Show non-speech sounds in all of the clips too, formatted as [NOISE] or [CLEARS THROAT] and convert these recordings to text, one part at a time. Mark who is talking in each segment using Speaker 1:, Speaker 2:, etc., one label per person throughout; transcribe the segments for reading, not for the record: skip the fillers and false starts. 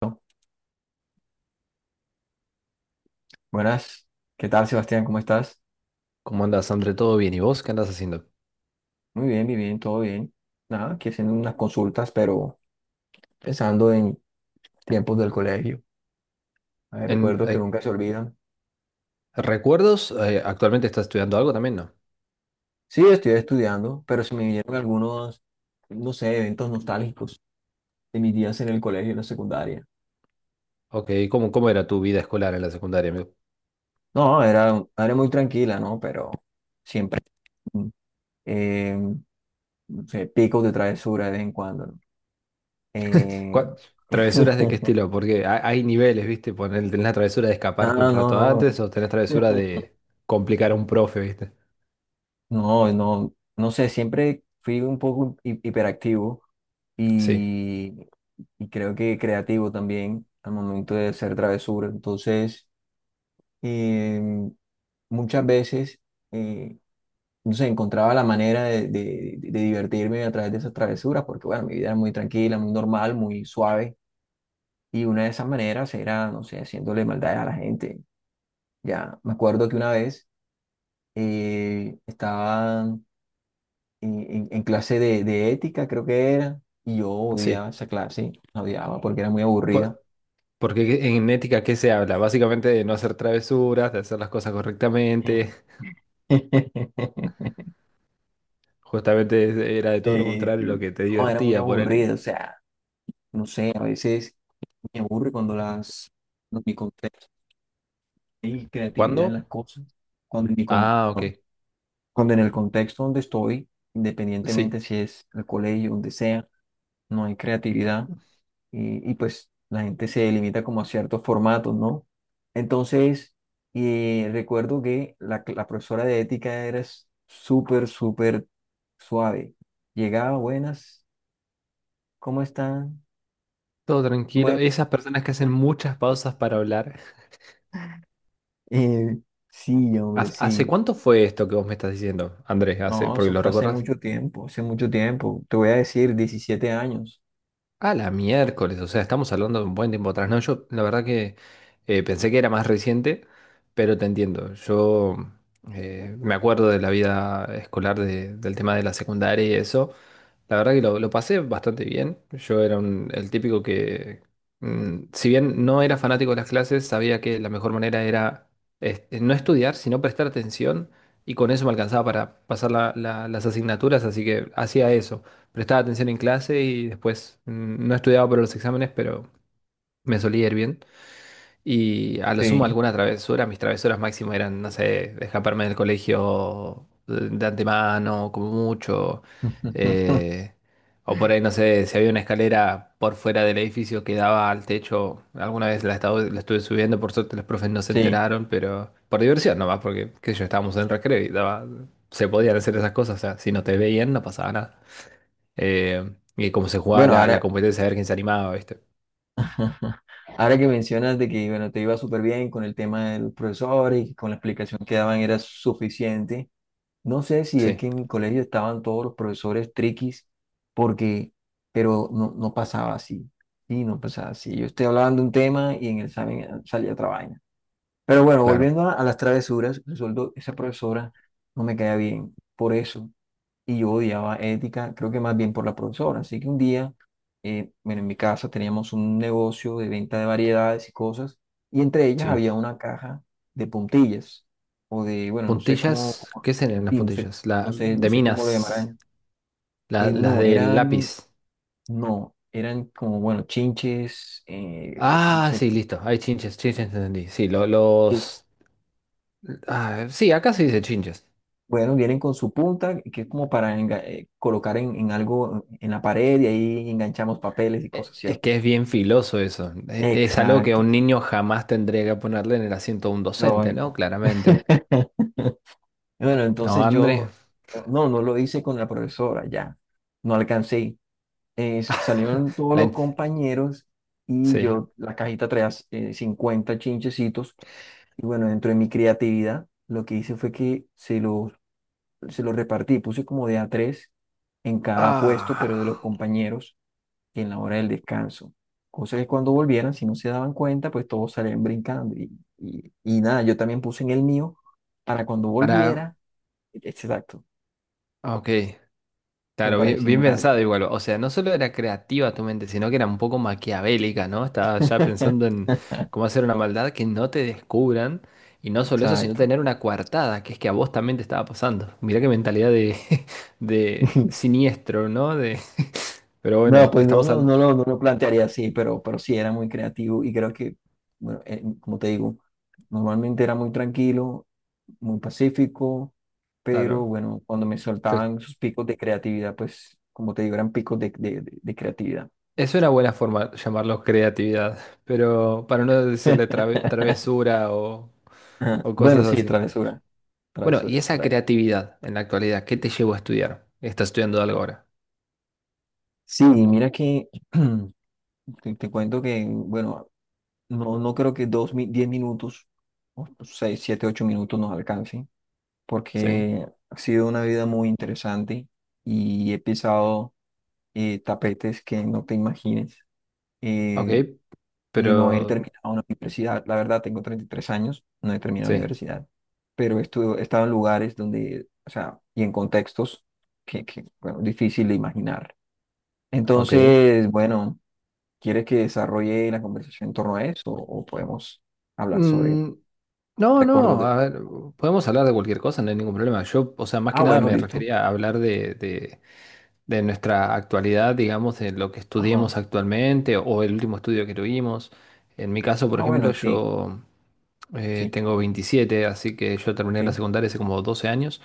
Speaker 1: Bueno, buenas, ¿qué tal Sebastián? ¿Cómo estás?
Speaker 2: ¿Cómo andas, André? ¿Todo bien? ¿Y vos qué andas haciendo?
Speaker 1: Muy bien, todo bien. Nada, aquí haciendo unas consultas, pero pensando en tiempos del colegio. Hay
Speaker 2: En,
Speaker 1: recuerdos que
Speaker 2: eh,
Speaker 1: nunca se olvidan.
Speaker 2: ¿Recuerdos? ¿Actualmente estás estudiando algo también? No.
Speaker 1: Sí, estoy estudiando, pero se me vinieron algunos, no sé, eventos nostálgicos de mis días en el colegio, en la secundaria.
Speaker 2: Ok, ¿cómo era tu vida escolar en la secundaria, amigo?
Speaker 1: No, era muy tranquila, ¿no? Pero siempre, mm, eh, no sé, picos de travesura de vez en cuando, ¿no? Eh,
Speaker 2: ¿Cuál- ¿Travesuras de qué
Speaker 1: [LAUGHS]
Speaker 2: estilo? Porque hay niveles, ¿viste? Tenés la travesura de
Speaker 1: no,
Speaker 2: escaparte un
Speaker 1: no,
Speaker 2: rato antes o tenés
Speaker 1: no.
Speaker 2: travesura
Speaker 1: [LAUGHS]
Speaker 2: de complicar a un profe, ¿viste?
Speaker 1: No, no, no sé, siempre fui un poco hiperactivo
Speaker 2: Sí,
Speaker 1: y, y creo que creativo también al momento de hacer travesura. Entonces, em, muchas veces, eh, no sé, encontraba la manera de divertirme a través de esas travesuras, porque bueno, mi vida era muy tranquila, muy normal, muy suave. Y una de esas maneras era, no sé, haciéndole maldades a la gente. Ya, me acuerdo que una vez estaba en clase de ética, creo que era, y yo odiaba
Speaker 2: sí.
Speaker 1: esa clase, la odiaba porque era muy aburrida.
Speaker 2: Por- Porque en ética, ¿qué se habla? Básicamente de no hacer travesuras, de hacer las cosas correctamente.
Speaker 1: [LAUGHS]
Speaker 2: [LAUGHS] Justamente era de todo lo
Speaker 1: Sí,
Speaker 2: contrario lo
Speaker 1: sí.
Speaker 2: que te
Speaker 1: No, era muy
Speaker 2: divertía, ponele.
Speaker 1: aburrida, o sea, no sé, a veces me aburre cuando las, cuando mi contexto y creatividad en
Speaker 2: ¿Cuándo?
Speaker 1: las cosas, cuando en mi
Speaker 2: Ah, ok.
Speaker 1: contexto, cuando en el contexto donde estoy,
Speaker 2: Sí.
Speaker 1: independientemente si es el colegio, donde sea, no hay creatividad. Y, pues la gente se limita como a ciertos formatos, ¿no? Entonces, recuerdo que la profesora de ética era súper, súper suave. Llegaba, buenas, ¿cómo están?
Speaker 2: Todo tranquilo.
Speaker 1: Bueno,
Speaker 2: Esas personas que hacen muchas pausas para hablar.
Speaker 1: eh, sí, hombre,
Speaker 2: ¿Hace
Speaker 1: sí.
Speaker 2: cuánto fue esto que vos me estás diciendo, Andrés? Hace,
Speaker 1: No,
Speaker 2: porque
Speaker 1: eso
Speaker 2: lo
Speaker 1: fue hace
Speaker 2: recuerdas.
Speaker 1: mucho tiempo, hace mucho tiempo. Te voy a decir, 17 años.
Speaker 2: A la miércoles, o sea, estamos hablando de un buen tiempo atrás. No, yo la verdad que pensé que era más reciente, pero te entiendo. Yo me acuerdo de la vida escolar, del tema de la secundaria y eso. La verdad que lo pasé bastante bien. Yo era el típico que, si bien no era fanático de las clases, sabía que la mejor manera era no estudiar, sino prestar atención, y con eso me alcanzaba para pasar las asignaturas, así que hacía eso, prestaba atención en clase y después no estudiaba para los exámenes, pero me solía ir bien. Y a lo sumo
Speaker 1: Sí.
Speaker 2: alguna travesura, mis travesuras máximo eran, no sé, escaparme del colegio de antemano, como mucho.
Speaker 1: [LAUGHS]
Speaker 2: eh, o por ahí, no sé, si había una escalera por fuera del edificio que daba al techo, alguna vez la estuve subiendo, por suerte los profes no se
Speaker 1: Sí.
Speaker 2: enteraron, pero por diversión nomás, porque qué sé yo, estábamos en recreo y daba, se podían hacer esas cosas, o sea, si no te veían no pasaba nada. Y cómo se jugaba
Speaker 1: Bueno,
Speaker 2: la
Speaker 1: ahora.
Speaker 2: competencia, a ver quién se animaba, ¿viste?
Speaker 1: [LAUGHS] Ajá. Ahora que mencionas de que, bueno, te iba súper bien con el tema del profesor y con la explicación que daban era suficiente. No sé si es
Speaker 2: Sí.
Speaker 1: que en mi colegio estaban todos los profesores triquis, porque, pero no, no pasaba así. Y no pasaba así. Yo estoy hablando de un tema y en el examen salía otra vaina. Pero bueno,
Speaker 2: Claro.
Speaker 1: volviendo a las travesuras, resultó esa profesora no me caía bien por eso. Y yo odiaba ética, creo que más bien por la profesora. Así que un día, bueno, en mi casa teníamos un negocio de venta de variedades y cosas, y entre ellas
Speaker 2: Sí.
Speaker 1: había una caja de puntillas, o de, bueno, no sé cómo,
Speaker 2: Puntillas,
Speaker 1: cómo-
Speaker 2: ¿qué serían las
Speaker 1: Sí,
Speaker 2: puntillas? La,
Speaker 1: no
Speaker 2: de
Speaker 1: sé cómo lo
Speaker 2: minas,
Speaker 1: llamarán. Eh,
Speaker 2: las
Speaker 1: no,
Speaker 2: del
Speaker 1: eran,
Speaker 2: lápiz.
Speaker 1: no, eran como, bueno, chinches, no
Speaker 2: Ah,
Speaker 1: sé,
Speaker 2: sí, listo. Hay chinches, chinches, entendí. Sí,
Speaker 1: que,
Speaker 2: ah, sí, acá se dice chinches.
Speaker 1: bueno, vienen con su punta, que es como para colocar en algo en la pared y ahí enganchamos papeles y cosas,
Speaker 2: Es
Speaker 1: ¿cierto?
Speaker 2: que es bien filoso eso. Es algo que a
Speaker 1: Exacto,
Speaker 2: un
Speaker 1: exacto.
Speaker 2: niño jamás tendría que ponerle en el asiento de un docente, ¿no?
Speaker 1: Lógico.
Speaker 2: Claramente.
Speaker 1: [LAUGHS] Bueno,
Speaker 2: ¿No,
Speaker 1: entonces
Speaker 2: André?
Speaker 1: yo, no, no lo hice con la profesora, ya, no alcancé. Salieron
Speaker 2: [LAUGHS]
Speaker 1: todos
Speaker 2: La
Speaker 1: los
Speaker 2: in-
Speaker 1: compañeros y
Speaker 2: Sí.
Speaker 1: yo, la cajita traía 50 chinchecitos y bueno, dentro de mi creatividad, lo que hice fue que se los repartí, puse como de a tres en cada puesto, pero de los
Speaker 2: Ah,
Speaker 1: compañeros en la hora del descanso. Cosa que cuando volvieran, si no se daban cuenta, pues todos salían brincando. Y, nada, yo también puse en el mío para cuando
Speaker 2: para...
Speaker 1: volviera, exacto,
Speaker 2: Ok.
Speaker 1: como
Speaker 2: Claro,
Speaker 1: para
Speaker 2: bien, bien
Speaker 1: disimular
Speaker 2: pensado
Speaker 1: ya.
Speaker 2: igual. O sea, no solo era creativa tu mente, sino que era un poco maquiavélica, ¿no? Estaba ya pensando en
Speaker 1: [LAUGHS]
Speaker 2: cómo hacer una maldad que no te descubran. Y no solo eso, sino
Speaker 1: Exacto.
Speaker 2: tener una coartada, que es que a vos también te estaba pasando. Mirá qué mentalidad de, [LAUGHS] de
Speaker 1: [LAUGHS]
Speaker 2: siniestro, ¿no? De, [LAUGHS] pero bueno,
Speaker 1: No, pues
Speaker 2: estamos al.
Speaker 1: no lo plantearía así, pero sí era muy creativo y creo que, bueno, como te digo, normalmente era muy tranquilo, muy pacífico, pero
Speaker 2: Claro.
Speaker 1: bueno, cuando me
Speaker 2: Entonces,
Speaker 1: soltaban sus picos de creatividad, pues como te digo, eran picos de creatividad.
Speaker 2: es una buena forma de llamarlo creatividad, pero para no decirle trave-
Speaker 1: [LAUGHS]
Speaker 2: travesura o
Speaker 1: Bueno,
Speaker 2: cosas
Speaker 1: sí,
Speaker 2: así.
Speaker 1: travesura,
Speaker 2: Bueno, y
Speaker 1: travesura,
Speaker 2: esa
Speaker 1: travesura.
Speaker 2: creatividad en la actualidad, ¿qué te llevó a estudiar? Estás estudiando algo ahora.
Speaker 1: Sí, mira que [CLEARS THROAT] te cuento que, bueno, no, no creo que 10 minutos, o 6, 7, 8 minutos nos alcancen,
Speaker 2: Sí,
Speaker 1: porque ha sido una vida muy interesante y he pisado tapetes que no te imagines.
Speaker 2: ok,
Speaker 1: Eh, y no he
Speaker 2: pero
Speaker 1: terminado una universidad. La verdad, tengo 33 años, no he terminado
Speaker 2: sí,
Speaker 1: universidad, pero he estado en lugares donde, o sea, y en contextos que bueno, difícil de imaginar.
Speaker 2: ok.
Speaker 1: Entonces, bueno, ¿quieres que desarrolle la conversación en torno a eso o podemos hablar sobre
Speaker 2: Mm, no,
Speaker 1: recuerdos
Speaker 2: no,
Speaker 1: de.
Speaker 2: a ver, podemos hablar de cualquier cosa, no hay ningún problema. Yo, o sea, más
Speaker 1: Ah,
Speaker 2: que nada
Speaker 1: bueno,
Speaker 2: me
Speaker 1: listo.
Speaker 2: refería a hablar de, nuestra actualidad, digamos, de lo que
Speaker 1: Ajá.
Speaker 2: estudiemos actualmente o el último estudio que tuvimos. En mi caso, por
Speaker 1: Ah,
Speaker 2: ejemplo,
Speaker 1: bueno, sí,
Speaker 2: yo
Speaker 1: sí,
Speaker 2: tengo 27, así que yo terminé la
Speaker 1: sí,
Speaker 2: secundaria hace como 12 años.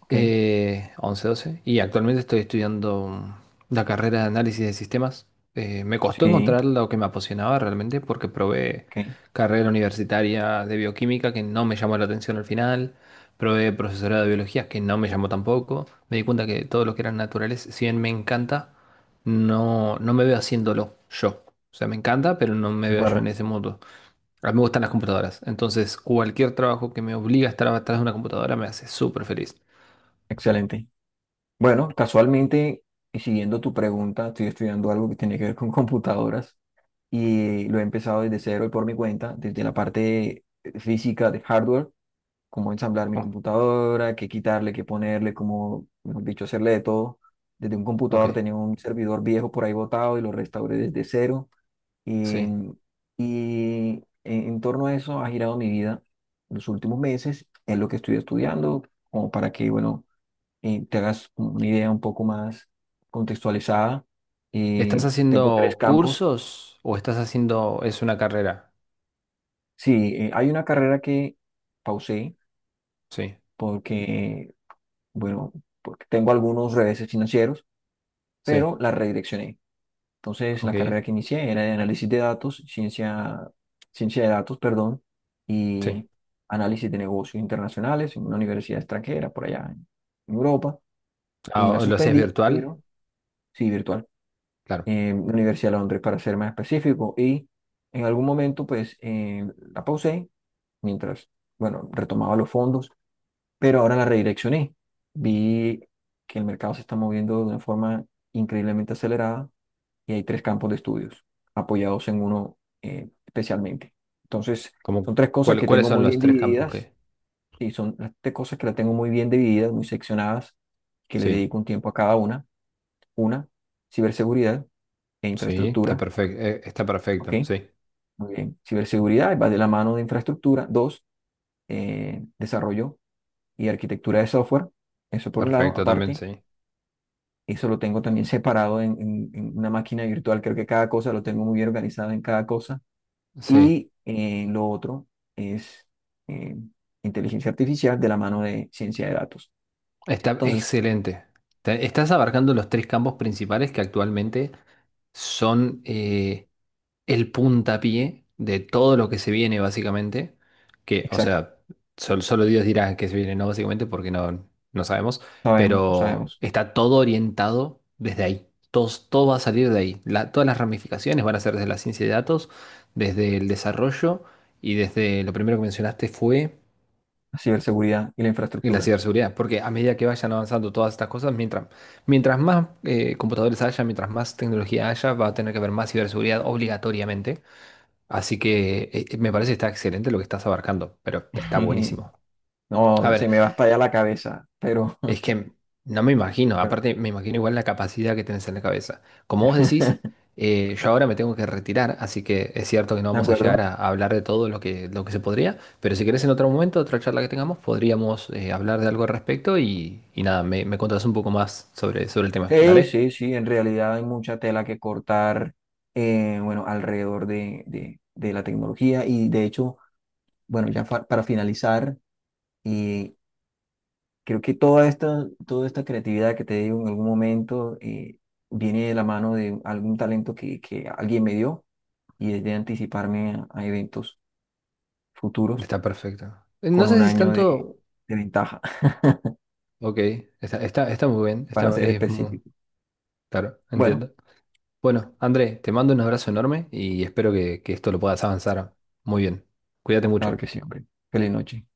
Speaker 1: ok,
Speaker 2: 11, 12, y actualmente estoy estudiando la carrera de análisis de sistemas. Me costó
Speaker 1: sí,
Speaker 2: encontrar lo que me apasionaba realmente porque probé
Speaker 1: ok, de
Speaker 2: carrera universitaria de bioquímica que no me llamó la atención al final, probé profesorado de biología que no me llamó tampoco, me di cuenta que todo lo que eran naturales, si bien me encanta, no, no me veo haciéndolo yo. O sea, me encanta, pero no me veo yo en
Speaker 1: acuerdo,
Speaker 2: ese mundo. A mí me gustan las computadoras, entonces cualquier trabajo que me obliga a estar atrás de una computadora me hace súper feliz.
Speaker 1: excelente. Bueno, casualmente, y siguiendo tu pregunta, estoy estudiando algo que tiene que ver con computadoras. Y lo he empezado desde cero y por mi cuenta, desde la parte física de hardware, cómo ensamblar mi computadora, qué quitarle, qué ponerle, cómo, mejor dicho, hacerle de todo. Desde un
Speaker 2: Ok,
Speaker 1: computador tenía un servidor viejo por ahí botado y lo restauré desde cero. Y,
Speaker 2: sí.
Speaker 1: y en torno a eso ha girado mi vida los últimos meses, es lo que estoy estudiando, como para que, bueno, te hagas una idea un poco más contextualizada.
Speaker 2: ¿Estás
Speaker 1: Tengo tres
Speaker 2: haciendo
Speaker 1: campos.
Speaker 2: cursos o estás haciendo, es una carrera?
Speaker 1: Sí, hay una carrera que pausé
Speaker 2: Sí,
Speaker 1: porque, bueno, porque tengo algunos reveses financieros,
Speaker 2: sí,
Speaker 1: pero la redireccioné. Entonces, la
Speaker 2: ok,
Speaker 1: carrera que inicié era de análisis de datos, ciencia de datos, perdón,
Speaker 2: sí.
Speaker 1: y análisis de negocios internacionales en una universidad extranjera, por allá en Europa,
Speaker 2: Ah,
Speaker 1: y la
Speaker 2: ¿o ¿lo hacías
Speaker 1: suspendí,
Speaker 2: virtual?
Speaker 1: pero sí, virtual,
Speaker 2: Claro.
Speaker 1: en la Universidad de Londres, para ser más específico, y en algún momento, pues, la pausé mientras, bueno, retomaba los fondos pero ahora la redireccioné. Vi que el mercado se está moviendo de una forma increíblemente acelerada y hay tres campos de estudios apoyados en uno especialmente. Entonces,
Speaker 2: Como,
Speaker 1: son tres cosas que
Speaker 2: ¿Cuáles
Speaker 1: tengo
Speaker 2: son
Speaker 1: muy
Speaker 2: los
Speaker 1: bien
Speaker 2: tres campos
Speaker 1: divididas
Speaker 2: que?
Speaker 1: y son las tres cosas que las tengo muy bien divididas, muy seccionadas, que le
Speaker 2: Sí,
Speaker 1: dedico un tiempo a cada una. Una, ciberseguridad e
Speaker 2: sí,
Speaker 1: infraestructura,
Speaker 2: está
Speaker 1: ¿ok?
Speaker 2: perfecto, sí.
Speaker 1: Muy bien. Ciberseguridad va de la mano de infraestructura. Dos, desarrollo y arquitectura de software. Eso por un lado,
Speaker 2: Perfecto también,
Speaker 1: aparte.
Speaker 2: sí.
Speaker 1: Eso lo tengo también separado en una máquina virtual. Creo que cada cosa lo tengo muy bien organizado en cada cosa.
Speaker 2: Sí,
Speaker 1: Y lo otro es eh, inteligencia artificial de la mano de ciencia de datos.
Speaker 2: está
Speaker 1: Entonces,
Speaker 2: excelente. Estás abarcando los tres campos principales que actualmente son el puntapié de todo lo que se viene, básicamente. Que, o
Speaker 1: exacto,
Speaker 2: sea, solo Dios dirá que se viene, no, básicamente, porque no, no sabemos.
Speaker 1: sabemos,
Speaker 2: Pero
Speaker 1: sabemos.
Speaker 2: está todo orientado desde ahí. Todo, todo va a salir de ahí. Todas las ramificaciones van a ser desde la ciencia de datos, desde el desarrollo y desde lo primero que mencionaste fue
Speaker 1: La ciberseguridad y la
Speaker 2: la
Speaker 1: infraestructura.
Speaker 2: ciberseguridad. Porque a medida que vayan avanzando todas estas cosas, mientras más computadores haya, mientras más tecnología haya, va a tener que haber más ciberseguridad obligatoriamente. Así que me parece que está excelente lo que estás abarcando, pero está
Speaker 1: [LAUGHS]
Speaker 2: buenísimo. A
Speaker 1: No, se
Speaker 2: ver,
Speaker 1: me va a estallar la cabeza, pero,
Speaker 2: es
Speaker 1: [LAUGHS]
Speaker 2: que no me imagino,
Speaker 1: pero,
Speaker 2: aparte me imagino igual la capacidad que tenés en la cabeza. Como vos decís,
Speaker 1: [LAUGHS]
Speaker 2: yo ahora me tengo que retirar, así que es cierto que no
Speaker 1: ¿de
Speaker 2: vamos a llegar
Speaker 1: acuerdo?
Speaker 2: a hablar de todo lo que se podría, pero si querés en otro momento, otra charla que tengamos, podríamos hablar de algo al respecto y nada, me contás un poco más sobre el tema.
Speaker 1: Sí,
Speaker 2: Dale,
Speaker 1: sí, sí, en realidad hay mucha tela que cortar, bueno, alrededor de la tecnología y de hecho. Bueno, ya para finalizar, eh, creo que toda esta creatividad que te digo en algún momento viene de la mano de algún talento que alguien me dio y es de anticiparme a eventos futuros
Speaker 2: está perfecto. No
Speaker 1: con
Speaker 2: sé
Speaker 1: un
Speaker 2: si es
Speaker 1: año
Speaker 2: tanto.
Speaker 1: de ventaja,
Speaker 2: Ok, está muy bien,
Speaker 1: [LAUGHS] para ser
Speaker 2: es muy.
Speaker 1: específico.
Speaker 2: Claro,
Speaker 1: Bueno,
Speaker 2: entiendo. Bueno, André, te mando un abrazo enorme y espero que esto lo puedas avanzar muy bien. Cuídate
Speaker 1: claro
Speaker 2: mucho.
Speaker 1: que sí, hombre. Feliz noche.